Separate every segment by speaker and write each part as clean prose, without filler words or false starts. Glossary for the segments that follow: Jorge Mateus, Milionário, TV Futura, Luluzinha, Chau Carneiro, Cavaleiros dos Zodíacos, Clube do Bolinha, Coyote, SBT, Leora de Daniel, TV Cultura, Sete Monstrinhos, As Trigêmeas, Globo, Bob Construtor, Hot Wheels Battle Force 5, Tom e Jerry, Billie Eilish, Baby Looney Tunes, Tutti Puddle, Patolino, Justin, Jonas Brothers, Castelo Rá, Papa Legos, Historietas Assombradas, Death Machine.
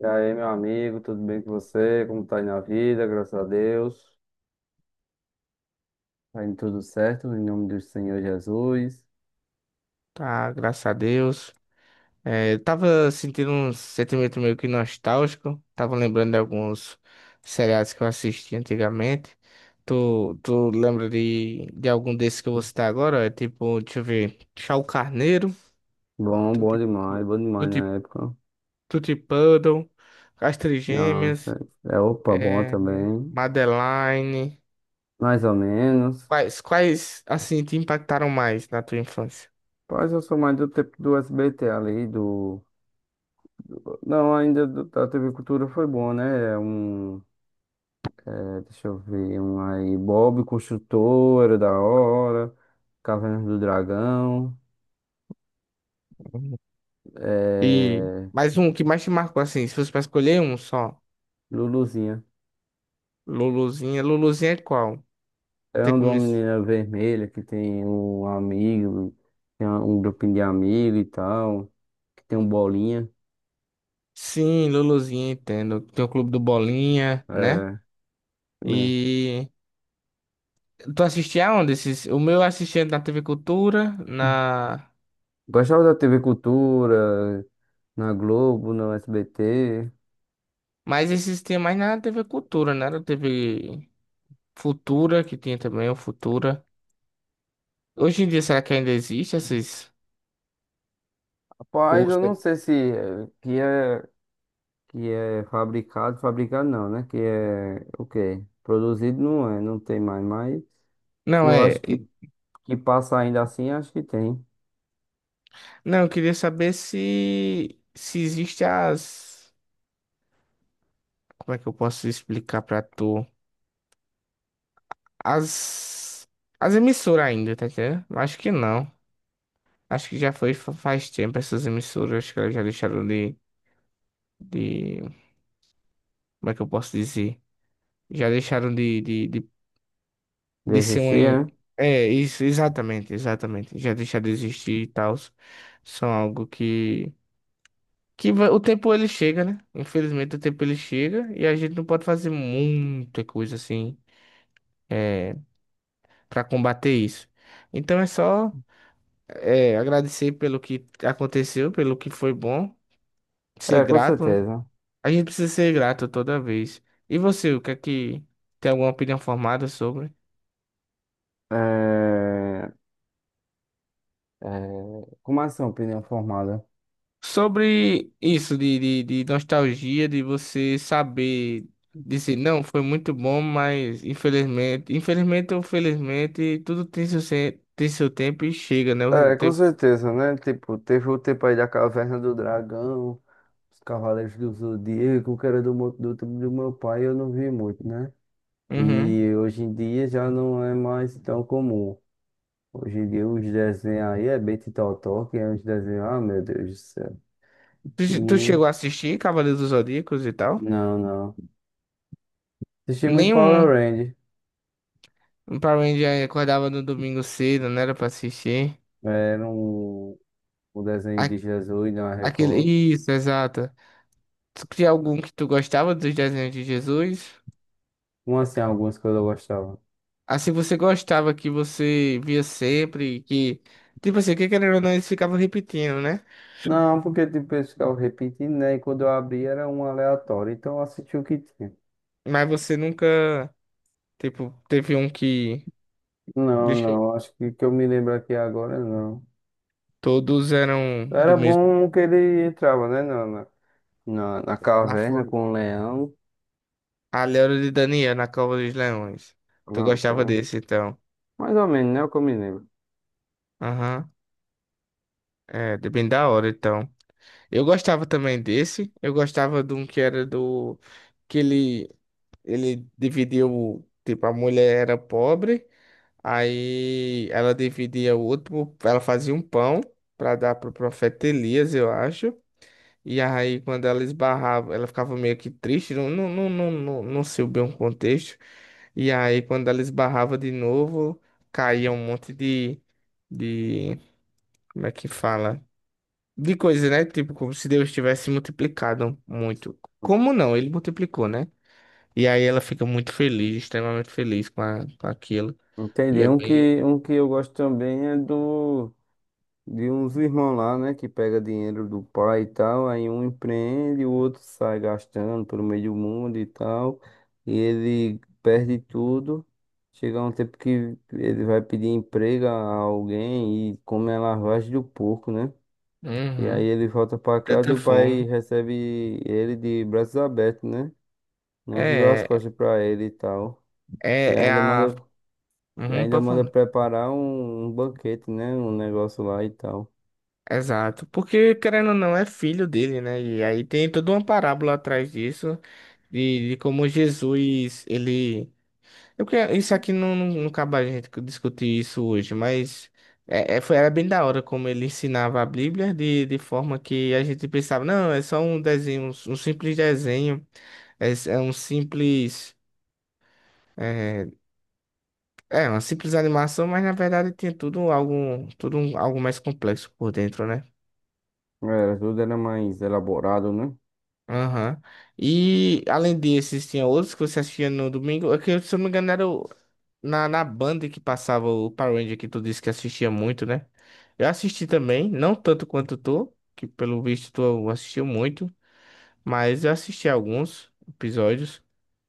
Speaker 1: E aí, meu amigo, tudo bem com você? Como tá aí na vida? Graças a Deus, tá indo tudo certo, em nome do Senhor Jesus.
Speaker 2: Tá, graças a Deus. Eu tava sentindo um sentimento meio que nostálgico. Tava lembrando de alguns seriados que eu assisti antigamente. Tu lembra de algum desses que eu vou citar agora? É tipo, deixa eu ver. Chau Carneiro,
Speaker 1: Bom
Speaker 2: Tutti,
Speaker 1: demais, bom demais na
Speaker 2: Tutti,
Speaker 1: época.
Speaker 2: Tutti Puddle, As
Speaker 1: Não, isso
Speaker 2: Trigêmeas,
Speaker 1: é, é opa, bom
Speaker 2: é,
Speaker 1: também.
Speaker 2: Madeline.
Speaker 1: Mais ou menos.
Speaker 2: Quais, assim, te impactaram mais na tua infância?
Speaker 1: Mas eu sou mais do tempo do SBT ali, do. Não, ainda da TV Cultura foi bom, né? É um. Deixa eu ver, um aí. Bob Construtor, era da hora. Caverna do Dragão.
Speaker 2: Uhum. E
Speaker 1: É,
Speaker 2: mais um que mais te marcou, assim, se fosse pra escolher um só.
Speaker 1: Luluzinha.
Speaker 2: Luluzinha. Luluzinha é qual?
Speaker 1: É
Speaker 2: Tem
Speaker 1: um de
Speaker 2: como...
Speaker 1: uma
Speaker 2: es-
Speaker 1: menina vermelha que tem um amigo, tem um grupinho de amigos e tal, que tem um bolinha.
Speaker 2: Sim, Luluzinha, entendo. Tem o Clube do Bolinha, né?
Speaker 1: É, mesmo.
Speaker 2: E tu assistia aonde esses? O meu eu assistia na TV Cultura, na...
Speaker 1: Gostava da TV Cultura, na Globo, no SBT.
Speaker 2: Mas esses tinha mais na TV Cultura, né? Na TV Futura, que tinha também o Futura. Hoje em dia, será que ainda existe esses...
Speaker 1: Rapaz,
Speaker 2: ou
Speaker 1: eu não
Speaker 2: se-
Speaker 1: sei se é- que é, que é fabricado, fabricado não, né? Que é o quê? Produzido não é, não tem mais, mas que
Speaker 2: Não,
Speaker 1: eu
Speaker 2: é...
Speaker 1: acho que, que passa ainda assim, acho que tem.
Speaker 2: Não, eu queria saber se... Se existe as... Como é que eu posso explicar pra tu? As, as emissoras ainda, tá entendendo? Eu acho que não. Acho que já foi faz tempo essas emissoras. Acho que elas já deixaram de. Como é que eu posso dizer? Já deixaram de ser uma.
Speaker 1: Existia,
Speaker 2: É, isso, exatamente, exatamente. Já deixaram de existir e tal. São algo que. O tempo ele chega, né? Infelizmente o tempo ele chega e a gente não pode fazer muita coisa assim pra combater isso. Então é só. É, agradecer pelo que aconteceu, pelo que foi bom, ser
Speaker 1: é? É, com
Speaker 2: grato, né?
Speaker 1: certeza.
Speaker 2: A gente precisa ser grato toda vez. E você, o que é que tem alguma opinião formada sobre?
Speaker 1: É, É, Como assim, opinião formada?
Speaker 2: Sobre isso de nostalgia, de você saber dizer, não, foi muito bom, mas infelizmente, infelizmente ou felizmente, tudo tem seu, se- tem seu tempo e chega, né? O
Speaker 1: É, com
Speaker 2: tempo.
Speaker 1: certeza, né? Tipo, teve o tempo aí da Caverna do Dragão, os Cavaleiros do Zodíaco, que era do, do tempo do meu pai, eu não vi muito, né?
Speaker 2: Uhum.
Speaker 1: E hoje em dia já não é mais tão comum. Hoje em dia os desenhos aí é Betty Totó, que é uns desenhos, ah, meu Deus do céu.
Speaker 2: Tu
Speaker 1: E,
Speaker 2: chegou a assistir Cavaleiros dos Zodíacos e tal?
Speaker 1: não, não. Assisti muito Power
Speaker 2: Nenhum.
Speaker 1: Rangers,
Speaker 2: Um Power Ranger acordava no domingo cedo, não era pra assistir.
Speaker 1: era um desenho
Speaker 2: A-
Speaker 1: de Jesus, não da
Speaker 2: Aquele...
Speaker 1: Record.
Speaker 2: Isso, exato. Tu tinha algum que tu gostava dos desenhos de Jesus?
Speaker 1: Como assim, algumas que eu gostava?
Speaker 2: Assim, você gostava que você via sempre, que... Tipo assim, que querendo ou não, eles ficavam repetindo, né?
Speaker 1: Não, porque tipo, eles ficavam repetindo, né? E quando eu abri era um aleatório, então eu assisti o que tinha.
Speaker 2: Mas você nunca, tipo, teve um que...
Speaker 1: Não,
Speaker 2: Deixa eu...
Speaker 1: não, acho que eu me lembro aqui agora, não.
Speaker 2: Todos eram do
Speaker 1: Era
Speaker 2: mesmo...
Speaker 1: bom que ele entrava, né? Na
Speaker 2: Lá
Speaker 1: caverna
Speaker 2: fora.
Speaker 1: com o leão.
Speaker 2: A Leora de Daniel, na Cova dos Leões. Tu
Speaker 1: Pronto,
Speaker 2: gostava
Speaker 1: né?
Speaker 2: desse, então.
Speaker 1: Mais ou menos, né? O que eu me lembro.
Speaker 2: Aham. É, bem da hora, então. Eu gostava também desse. Eu gostava de um que era do. Que ele dividiu. Tipo, a mulher era pobre. Aí ela dividia o outro. Ela fazia um pão pra dar pro profeta Elias, eu acho. E aí, quando ela esbarrava, ela ficava meio que triste. Não, não, não, não, não, não sei bem o contexto. E aí, quando ela esbarrava de novo, caía um monte de. De. Como é que fala? De coisas, né? Tipo, como se Deus tivesse multiplicado muito. Como não? Ele multiplicou, né? E aí ela fica muito feliz, extremamente feliz com, com aquilo. E
Speaker 1: Entendi.
Speaker 2: é bem.
Speaker 1: Um que eu gosto também é do. De uns irmãos lá, né, que pega dinheiro do pai e tal, aí um empreende, o outro sai gastando pelo meio do mundo e tal, e ele perde tudo. Chega um tempo que ele vai pedir emprego a alguém e come a lavagem do porco, né? E aí
Speaker 2: Uhum.
Speaker 1: ele volta pra casa
Speaker 2: Tanta
Speaker 1: e o pai
Speaker 2: fome.
Speaker 1: recebe ele de braços abertos, né? Não virou as
Speaker 2: É,
Speaker 1: costas pra ele e tal. E
Speaker 2: é
Speaker 1: ainda
Speaker 2: a.
Speaker 1: manda, e
Speaker 2: Uhum,
Speaker 1: ainda
Speaker 2: pode
Speaker 1: manda
Speaker 2: falar.
Speaker 1: preparar um banquete, né? Um negócio lá e tal.
Speaker 2: Exato. Porque, querendo ou não, é filho dele, né? E aí tem toda uma parábola atrás disso, de como Jesus, ele. Eu que isso aqui não acaba a gente discutir isso hoje, mas foi, era bem da hora como ele ensinava a Bíblia de forma que a gente pensava, não, é só um desenho, um simples desenho, é um simples, é, é uma simples animação, mas na verdade tinha tudo algo, algo mais complexo por dentro, né?
Speaker 1: Era, tudo era mais elaborado, né?
Speaker 2: Aham. E além desses, tinha outros que você assistia no domingo, é que se eu não me engano na Band que passava o Power Ranger que tu disse que assistia muito, né? Eu assisti também, não tanto quanto tu, que pelo visto tu assistiu muito, mas eu assisti alguns episódios.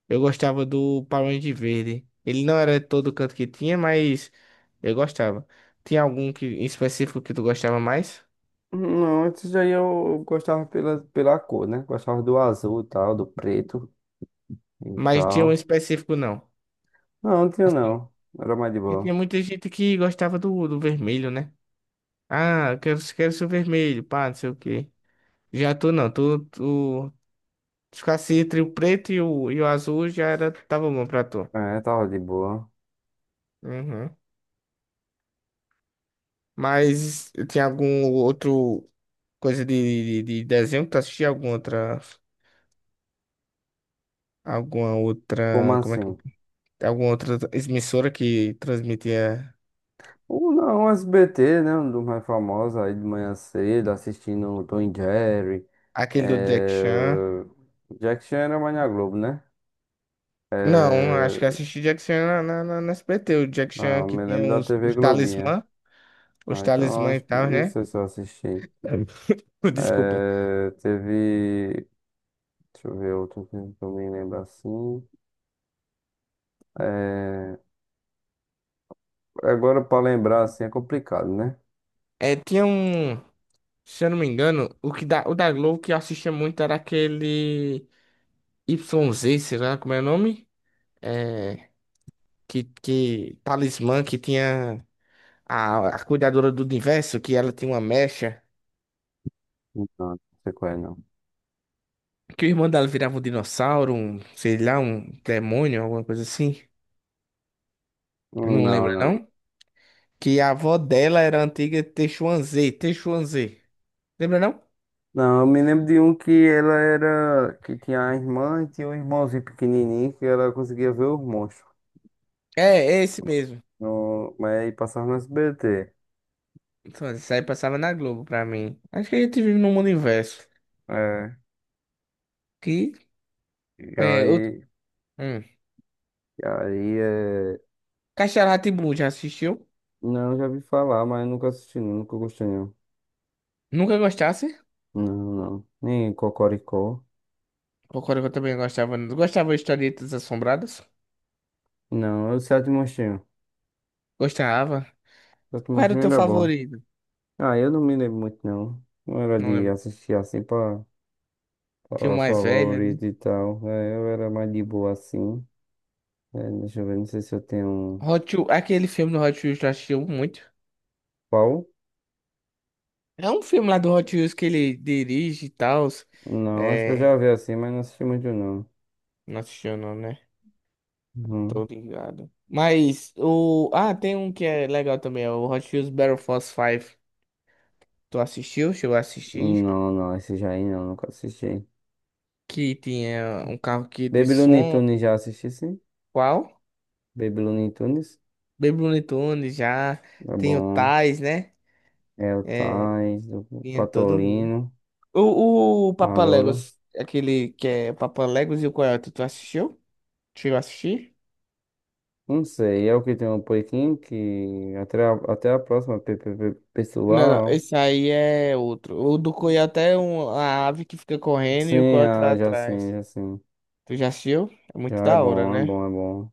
Speaker 2: Eu gostava do Power Ranger Verde. Ele não era todo canto que tinha, mas eu gostava. Tinha algum que, em específico que tu gostava mais?
Speaker 1: Não, antes daí eu gostava pela cor, né? Gostava do azul e tal, do preto e
Speaker 2: Mas tinha um
Speaker 1: tal.
Speaker 2: específico não.
Speaker 1: Não, não tinha
Speaker 2: Assim,
Speaker 1: não. Era mais de
Speaker 2: porque
Speaker 1: boa.
Speaker 2: tinha muita gente que gostava do vermelho, né? Ah, eu quero ser o vermelho, pá, não sei o quê. Já tu não, tu se ficasse entre o preto e o azul, já era, tava bom pra tu.
Speaker 1: É, tava de boa.
Speaker 2: Uhum. Mas tem algum outro coisa de desenho que tu assistia? Alguma
Speaker 1: Como
Speaker 2: outra, como é que,
Speaker 1: assim?
Speaker 2: alguma outra emissora que transmitia
Speaker 1: Ou não, SBT, né? Um dos mais famosos aí de manhã cedo, assistindo o Tom e Jerry.
Speaker 2: aquele do Jack Chan?
Speaker 1: É... Jack Chan era mais na Globo, né?
Speaker 2: Não, acho que
Speaker 1: É...
Speaker 2: assisti Jack Chan na SBT, o Jack Chan
Speaker 1: Não,
Speaker 2: que
Speaker 1: me lembro
Speaker 2: tinha
Speaker 1: da TV Globinha.
Speaker 2: os
Speaker 1: Ah, então
Speaker 2: talismã e
Speaker 1: acho que
Speaker 2: tal,
Speaker 1: não
Speaker 2: né?
Speaker 1: sei se eu assisti.
Speaker 2: É. Desculpa.
Speaker 1: É, teve. Deixa eu ver outro filme que eu me lembro assim. É, agora, pra lembrar assim, é complicado, né?
Speaker 2: É, tinha um. Se eu não me engano, o o da Globo que eu assistia muito era aquele Y Z, sei lá como é o nome? É, que talismã que tinha a cuidadora do universo, que ela tinha uma mecha,
Speaker 1: Não, não sei qual é, não.
Speaker 2: que o irmão dela virava um dinossauro, um, sei lá, um demônio, alguma coisa assim. Não
Speaker 1: Não,
Speaker 2: lembra,
Speaker 1: não.
Speaker 2: não? Que a avó dela era a antiga Teixuanzê. Lembra, não?
Speaker 1: Não, eu me lembro de um que ela era. Que tinha a irmã e tinha um irmãozinho pequenininho que ela conseguia ver os monstros.
Speaker 2: É, é esse mesmo.
Speaker 1: No, mas aí passava no S B T.
Speaker 2: Então, isso aí passava na Globo pra mim. Acho que a gente vive num mundo inverso.
Speaker 1: É.
Speaker 2: Que
Speaker 1: E
Speaker 2: é outro.
Speaker 1: aí.
Speaker 2: Hum.
Speaker 1: E aí é.
Speaker 2: Castelo Rá já assistiu?
Speaker 1: Não, já vi falar, mas nunca assisti, não, nunca gostei, não.
Speaker 2: Nunca gostasse?
Speaker 1: Não, não. Nem Cocoricó.
Speaker 2: Concordo que eu também gostava. Gostava de Historietas Assombradas?
Speaker 1: Não, é o Sete Monstrinhos.
Speaker 2: Gostava.
Speaker 1: Death
Speaker 2: Qual era o
Speaker 1: Machine
Speaker 2: teu
Speaker 1: era bom.
Speaker 2: favorito?
Speaker 1: Ah, eu não me lembro muito, não. Não era
Speaker 2: Não
Speaker 1: de
Speaker 2: lembro.
Speaker 1: assistir assim pra
Speaker 2: Tinha o
Speaker 1: falar
Speaker 2: mais velho, né?
Speaker 1: favorito e tal. É, eu era mais de boa assim. É, deixa eu ver, não sei se eu tenho um.
Speaker 2: Hot Wheels, aquele filme do Hot Wheels tu assistiu muito.
Speaker 1: Qual?
Speaker 2: É um filme lá do Hot Wheels que ele dirige e tal.
Speaker 1: Não, acho que eu
Speaker 2: É...
Speaker 1: já vi assim, mas não assisti muito, não.
Speaker 2: Não assistiu não, né?
Speaker 1: Uhum.
Speaker 2: Tô ligado. Mas o... Ah, tem um que é legal também. É o Hot Wheels Battle Force 5. Tu assistiu? Chegou a assistir?
Speaker 1: Não, não, esse já aí não, nunca assisti.
Speaker 2: Que tinha um carro que de
Speaker 1: Baby Looney
Speaker 2: som...
Speaker 1: Tunes já assisti, sim.
Speaker 2: Qual?
Speaker 1: Baby Looney Tunes.
Speaker 2: Baby Looney Tunes já.
Speaker 1: É
Speaker 2: Tem o
Speaker 1: bom.
Speaker 2: Tais, né?
Speaker 1: É o
Speaker 2: É,
Speaker 1: Tais, o
Speaker 2: tinha todo mundo.
Speaker 1: Patolino,
Speaker 2: O
Speaker 1: a
Speaker 2: Papa
Speaker 1: Lola.
Speaker 2: Legos, aquele que é o Papa Legos e o Coyote, tu assistiu? Chegou a assistir?
Speaker 1: Não sei, é o que tem um pouquinho que até a, até a próxima
Speaker 2: Não, não,
Speaker 1: pessoal.
Speaker 2: esse aí é outro. O do Coyote é um, a ave que fica correndo e o
Speaker 1: Sim,
Speaker 2: Coyote lá
Speaker 1: ah, já sim,
Speaker 2: atrás.
Speaker 1: já sim.
Speaker 2: Tu já assistiu? É muito
Speaker 1: Já é
Speaker 2: da hora,
Speaker 1: bom, é
Speaker 2: né?
Speaker 1: bom, é bom.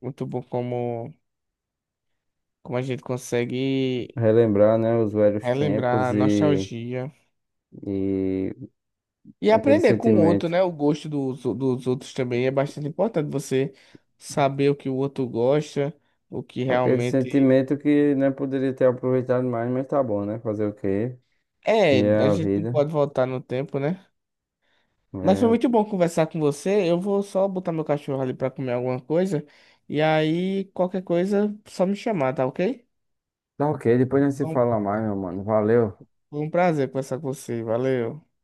Speaker 2: Muito bom como, como a gente consegue
Speaker 1: Relembrar, né, os velhos
Speaker 2: relembrar
Speaker 1: tempos
Speaker 2: a nostalgia.
Speaker 1: e
Speaker 2: E
Speaker 1: aquele
Speaker 2: aprender com o outro,
Speaker 1: sentimento.
Speaker 2: né? O gosto dos outros também é bastante importante. Você saber o que o outro gosta, o que
Speaker 1: Aquele
Speaker 2: realmente.
Speaker 1: sentimento que não poderia ter aproveitado mais, mas tá bom, né? Fazer o quê? E
Speaker 2: É,
Speaker 1: é
Speaker 2: a
Speaker 1: a
Speaker 2: gente não
Speaker 1: vida.
Speaker 2: pode voltar no tempo, né? Mas foi
Speaker 1: É.
Speaker 2: muito bom conversar com você. Eu vou só botar meu cachorro ali pra comer alguma coisa. E aí, qualquer coisa, só me chamar, tá ok?
Speaker 1: Tá ok, depois não se
Speaker 2: Então,
Speaker 1: fala mais, meu mano. Valeu.
Speaker 2: foi um prazer conversar com você. Valeu.